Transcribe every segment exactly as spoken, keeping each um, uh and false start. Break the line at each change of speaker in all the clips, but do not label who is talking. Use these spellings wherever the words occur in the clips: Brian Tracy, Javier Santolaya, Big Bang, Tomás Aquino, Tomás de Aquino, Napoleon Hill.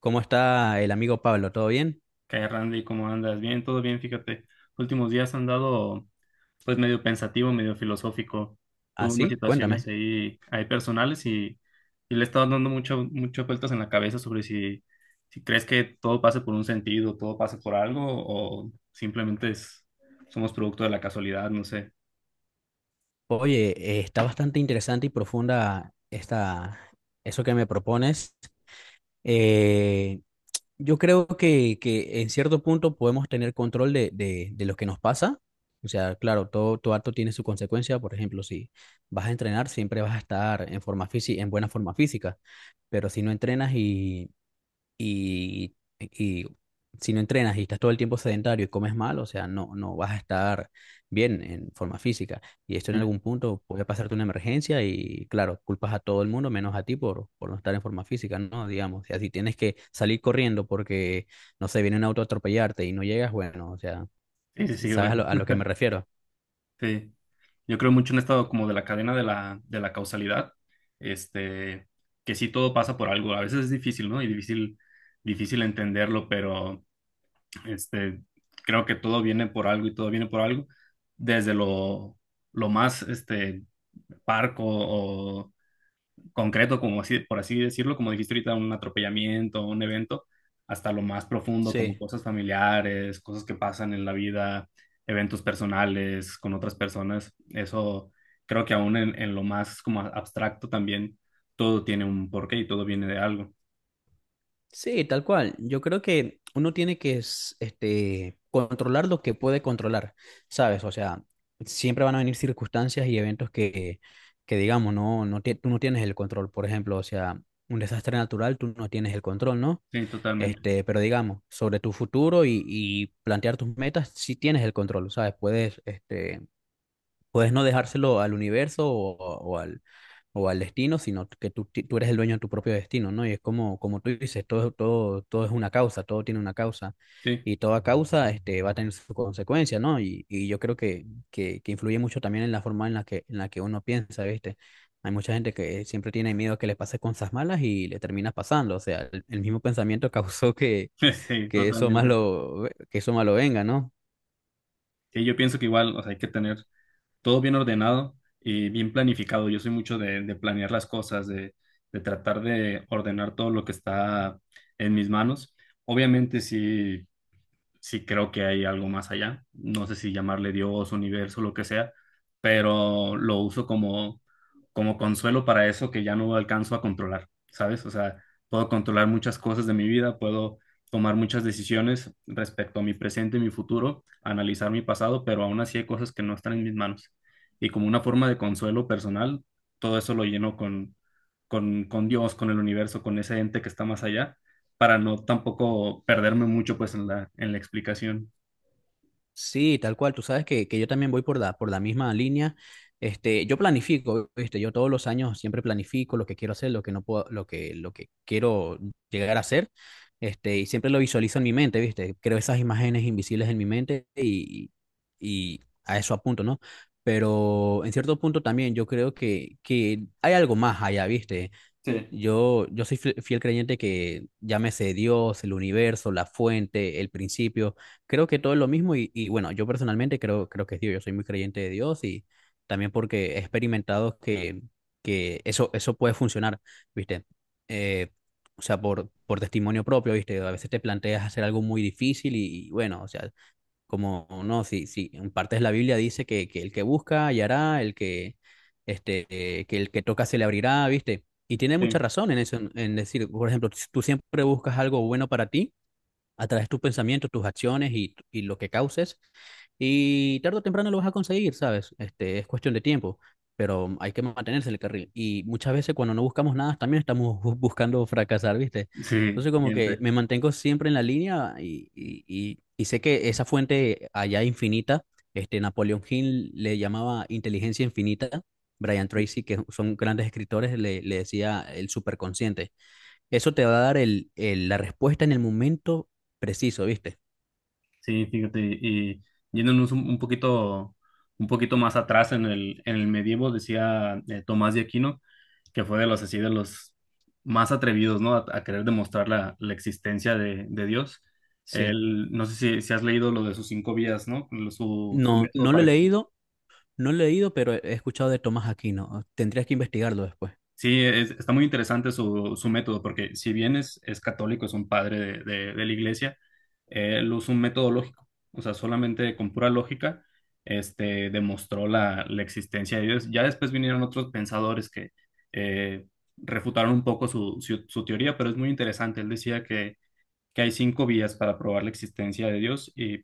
¿Cómo está el amigo Pablo? ¿Todo bien?
¿Qué hay, Randy? ¿Cómo andas? Bien, todo bien, fíjate. Últimos días han dado, pues, medio pensativo, medio filosófico.
¿Ah,
Tuve unas
sí?
situaciones
Cuéntame.
ahí, ahí personales y, y le he estado dando mucho, muchas vueltas en la cabeza sobre si, si crees que todo pasa por un sentido, todo pasa por algo o simplemente es- somos producto de la casualidad, no sé.
Oye, eh, está bastante interesante y profunda esta, eso que me propones. Eh, yo creo que, que en cierto punto podemos tener control de, de, de lo que nos pasa. O sea, claro, todo, todo acto tiene su consecuencia. Por ejemplo, si vas a entrenar, siempre vas a estar en forma física, en buena forma física. Pero si no entrenas y y, y si no entrenas y estás todo el tiempo sedentario y comes mal, o sea, no, no vas a estar bien en forma física. Y esto en
Sí,
algún punto puede pasarte una emergencia y, claro, culpas a todo el mundo menos a ti por, por no estar en forma física, ¿no? Digamos, o sea, si tienes que salir corriendo porque, no sé, viene un auto a atropellarte y no llegas, bueno, o sea,
sí, sí, sí, güey.
¿sabes a lo, a lo que me refiero?
Sí. Yo creo mucho en esto como de la cadena de la, de la causalidad, este, que sí todo pasa por algo. A veces es difícil, ¿no? Y difícil, difícil entenderlo, pero este, creo que todo viene por algo y todo viene por algo, desde lo, lo más este, parco o concreto, como así, por así decirlo, como dijiste ahorita, un atropellamiento, un evento, hasta lo más profundo, como
Sí.
cosas familiares, cosas que pasan en la vida, eventos personales con otras personas. Eso creo que aún en, en lo más como abstracto también, todo tiene un porqué y todo viene de algo.
Sí, tal cual. Yo creo que uno tiene que es- este, controlar lo que puede controlar, ¿sabes? O sea, siempre van a venir circunstancias y eventos que, que digamos, no, no, tie- tú no tienes el control. Por ejemplo, o sea, un desastre natural, tú no tienes el control, ¿no?
Sí, totalmente.
Este, pero digamos, sobre tu futuro y, y plantear tus metas, sí tienes el control, ¿sabes? Puedes, este, Puedes no dejárselo al universo o, o al, o al destino, sino que tú, ti- tú eres el dueño de tu propio destino, ¿no? Y es como, como tú dices, todo, todo, todo es una causa, todo tiene una causa
Sí,
y toda causa este, va a tener su consecuencia, ¿no? Y, y yo creo que, que, que influye mucho también en la forma en la que, en la que uno piensa, ¿viste? Hay mucha gente que siempre tiene miedo a que le pase cosas malas y le termina pasando, o sea, el, el mismo pensamiento causó que,
sí,
que eso
totalmente.
malo, que eso malo venga, ¿no?
Sí, yo pienso que igual, o sea, hay que tener todo bien ordenado y bien planificado. Yo soy mucho de, de planear las cosas, de, de tratar de ordenar todo lo que está en mis manos. Obviamente, si sí creo que hay algo más allá. No sé si llamarle Dios, universo, lo que sea, pero lo uso como, como consuelo para eso que ya no alcanzo a controlar, ¿sabes? O sea, puedo controlar muchas cosas de mi vida, puedo tomar muchas decisiones respecto a mi presente y mi futuro, analizar mi pasado, pero aún así hay cosas que no están en mis manos. Y como una forma de consuelo personal, todo eso lo lleno con, con, con Dios, con el universo, con ese ente que está más allá para no tampoco perderme mucho pues en la, en la explicación.
Sí, tal cual. Tú sabes que, que yo también voy por la, por la misma línea. Este, yo planifico, ¿viste? Yo todos los años siempre planifico lo que quiero hacer, lo que no puedo, lo que, lo que quiero llegar a hacer. Este, y siempre lo visualizo en mi mente, ¿viste? Creo esas imágenes invisibles en mi mente y, y a eso apunto, ¿no? Pero en cierto punto también yo creo que, que hay algo más allá, ¿viste?
Sí.
Yo, yo soy fie- fiel creyente que llámese Dios, el universo, la fuente, el principio, creo que todo es lo mismo y, y bueno, yo personalmente creo, creo que es Dios, yo soy muy creyente de Dios y también porque he experimentado que, que eso, eso puede funcionar, ¿viste? Eh, o sea, por, por testimonio propio, ¿viste? A veces te planteas hacer algo muy difícil y, y bueno, o sea, como, no, sí, sí, en partes la Biblia dice que, que el que busca hallará, el que, este, eh, que el que toca se le abrirá, ¿viste? Y tiene mucha
Sí,
razón en eso, en en decir, por ejemplo, si tú siempre buscas algo bueno para ti, a través de tus pensamientos, tus acciones y, y lo que causes. Y tarde o temprano lo vas a conseguir, ¿sabes? Este, es cuestión de tiempo, pero hay que mantenerse en el carril. Y muchas veces cuando no buscamos nada, también estamos bu- buscando fracasar, ¿viste?
sí,
Entonces como que
siempre.
me mantengo siempre en la línea y, y, y, y sé que esa fuente allá infinita, este, Napoleon Hill le llamaba inteligencia infinita, Brian Tracy, que son grandes escritores, le, le decía el superconsciente. Eso te va a dar el, el- la respuesta en el momento preciso, ¿viste?
Sí, fíjate, y yéndonos un, un poquito, un poquito más atrás en el, en el medievo, decía eh, Tomás de Aquino, que fue de los así de los más atrevidos, ¿no? A, a querer demostrar la, la existencia de, de Dios.
Sí.
Él, no sé si, si has leído lo de sus cinco vías, ¿no? Lo- Su, su
No,
método
no lo he
para.
leído, no lo he leído, pero he escuchado de Tomás Aquino. Tendrías que investigarlo después.
Sí, es- está muy interesante su, su método, porque si bien es, es católico, es un padre de, de- de la iglesia, eh, él usa un método lógico, o sea, solamente con pura lógica, este, demostró la, la existencia de Dios. Ya después vinieron otros pensadores que eh, refutaron un poco su, su, su teoría, pero es muy interesante. Él decía que hay cinco vías para probar la existencia de Dios y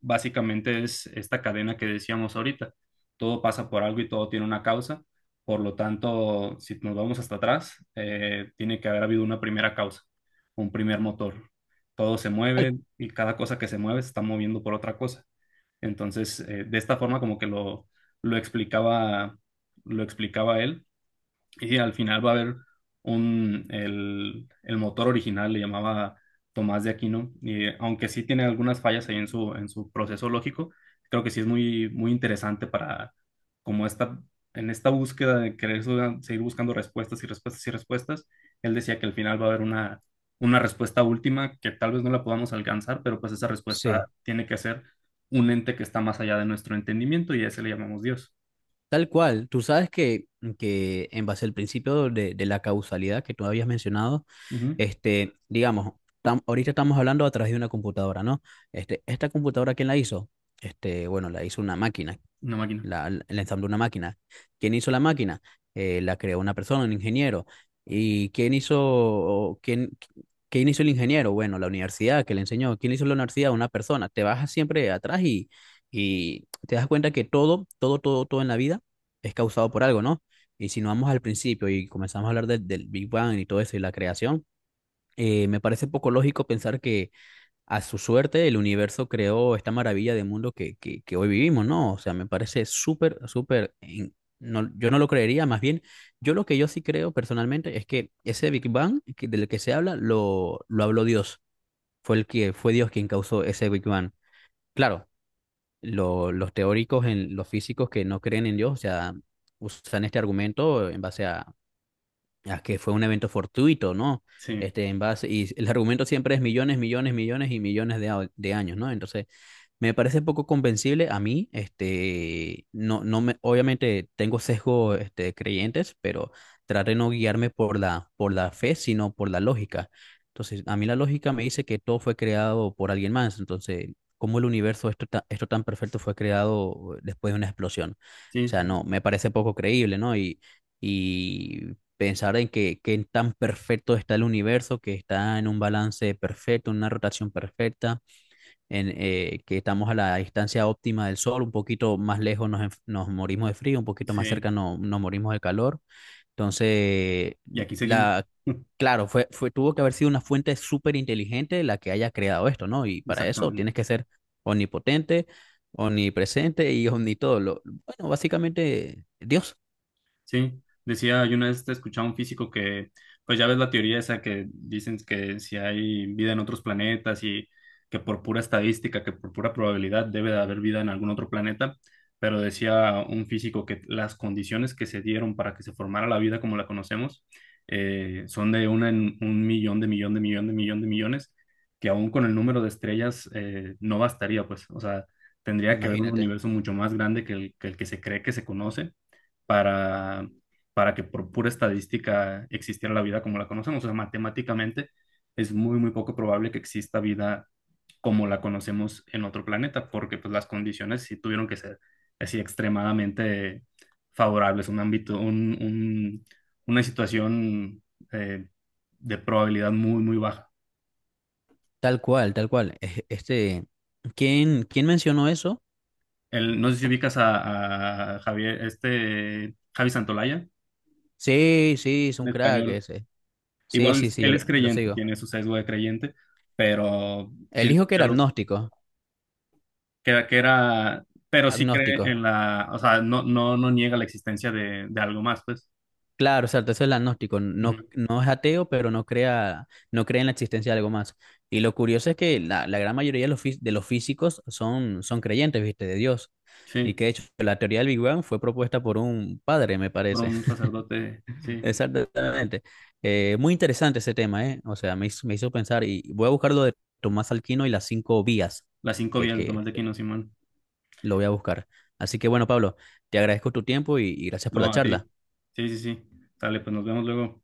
básicamente es esta cadena que decíamos ahorita. Todo pasa por algo y todo tiene una causa. Por lo tanto, si nos vamos hasta atrás, eh, tiene que haber habido una primera causa, un primer motor. Todo se
Tal,
mueve y cada cosa que se mueve se está moviendo por otra cosa. Entonces, eh, de esta forma como que lo, lo explicaba, lo explicaba él y al final va a haber un, el, el motor original le llamaba Tomás de Aquino, y aunque sí tiene algunas fallas ahí en su, en su proceso lógico, creo que sí es muy, muy interesante para, como esta, en esta búsqueda de querer su- seguir buscando respuestas y respuestas y respuestas, él decía que al final va a haber una, una respuesta última que tal vez no la podamos alcanzar, pero pues esa respuesta
Sí,
tiene que ser un ente que está más allá de nuestro entendimiento y a ese le llamamos Dios.
tal cual. Tú sabes que, que en base al principio de, de la causalidad que tú habías mencionado,
Ujú.
este, digamos, tam- ahorita estamos hablando a través de una computadora, ¿no? Este, esta computadora, ¿quién la hizo? Este, bueno, la hizo una máquina,
Una máquina.
la, el ensamble de una máquina. ¿Quién hizo la máquina? Eh, la creó una persona, un ingeniero. ¿Y quién hizo, quién, quién hizo el ingeniero? Bueno, la universidad que le enseñó. ¿Quién hizo la universidad? Una persona. Te vas siempre atrás y, y te das cuenta que todo, todo, todo, todo en la vida es causado por algo, ¿no? Y si no vamos al principio y comenzamos a hablar del del Big Bang y todo eso y la creación, eh, me parece poco lógico pensar que a su suerte, el universo creó esta maravilla de mundo que, que, que hoy vivimos, ¿no? O sea, me parece súper, súper. in- No, yo no lo creería, más bien, yo lo que yo sí creo personalmente es que ese Big Bang que- del que se habla lo, lo habló Dios, fue el que fue Dios quien causó ese Big Bang. Claro, lo- los teóricos, en, los físicos que no creen en Dios, o sea, usan este argumento en base a, a que fue un evento fortuito, ¿no?
Sí,
Este, en base, y el argumento siempre es millones, millones, millones y millones de, a- de años, ¿no? Entonces, me parece poco convencible a mí, este, no, no me, obviamente tengo sesgo, este, de creyentes, pero trato de no guiarme por la, por la fe, sino por la lógica. Entonces, a mí la lógica me dice que todo fue creado por alguien más, entonces, ¿cómo el universo, esto, ta- esto tan perfecto, fue creado después de una explosión? O
sí,
sea,
sí.
no, me parece poco creíble, ¿no? Y, y pensar en que, que tan perfecto está el universo, que está en un balance perfecto, en una rotación perfecta en, eh, que estamos a la distancia óptima del sol, un poquito más lejos nos, enf- nos morimos de frío, un poquito más
Sí,
cerca no, nos morimos de calor. Entonces,
y aquí seguimos.
la, claro, fue, fue, tuvo que haber sido una fuente súper inteligente la que haya creado esto, ¿no? Y para eso tienes
Exactamente.
que ser omnipotente, omnipresente y omnitodo. Lo, bueno, básicamente, Dios,
Sí, decía, yo una vez te escuchaba un físico que, pues ya ves la teoría esa que dicen que si hay vida en otros planetas y que por pura estadística, que por pura probabilidad debe de haber vida en algún otro planeta, pero decía un físico que las condiciones que se dieron para que se formara la vida como la conocemos eh, son de una en un millón de millón de millón de millón de millones, que aún con el número de estrellas eh, no bastaría, pues, o sea, tendría que haber un
imagínate.
universo mucho más grande que el que el que se cree que se conoce para, para que por pura estadística existiera la vida como la conocemos. O sea, matemáticamente es muy, muy poco probable que exista vida como la conocemos en otro planeta, porque pues las condiciones sí tuvieron que ser así extremadamente favorables, un ámbito, un, un- una situación eh, de probabilidad muy, muy baja.
Tal cual, tal cual. Es- Este, ¿quién, quién mencionó eso?
El, no sé si ubicas a, a Javier, este Javi Santolaya,
Sí, sí, es un
un
crack
español.
ese. Sí,
Igual
sí, sí, yo
él
lo
es
lo
creyente,
sigo.
tiene su sesgo de creyente, pero
Él
tiene
dijo que
mucha
era
luz,
agnóstico,
que, que era, pero sí cree
agnóstico.
en la, o sea, no, no, no niega la existencia de, de algo más, pues.
Claro, o sea, entonces el agnóstico no,
Ujú.
no es ateo, pero no crea, no cree en la existencia de algo más. Y lo curioso es que la, la gran mayoría de los, fí- de los físicos son, son creyentes, ¿viste? De Dios. Y
Sí,
que de hecho la teoría del Big Bang fue propuesta por un padre, me
por
parece.
un sacerdote, sí.
Exactamente. Eh, muy interesante ese tema, ¿eh? O sea, me hizo, me hizo pensar y voy a buscar lo de Tomás Alquino y las cinco vías,
Las cinco
que,
vías, de
que
Tomás de Aquino, Simón.
lo voy a buscar. Así que bueno, Pablo, te agradezco tu tiempo y y gracias por la
No, a
charla.
ti. Sí, sí, sí. Dale, pues nos vemos luego.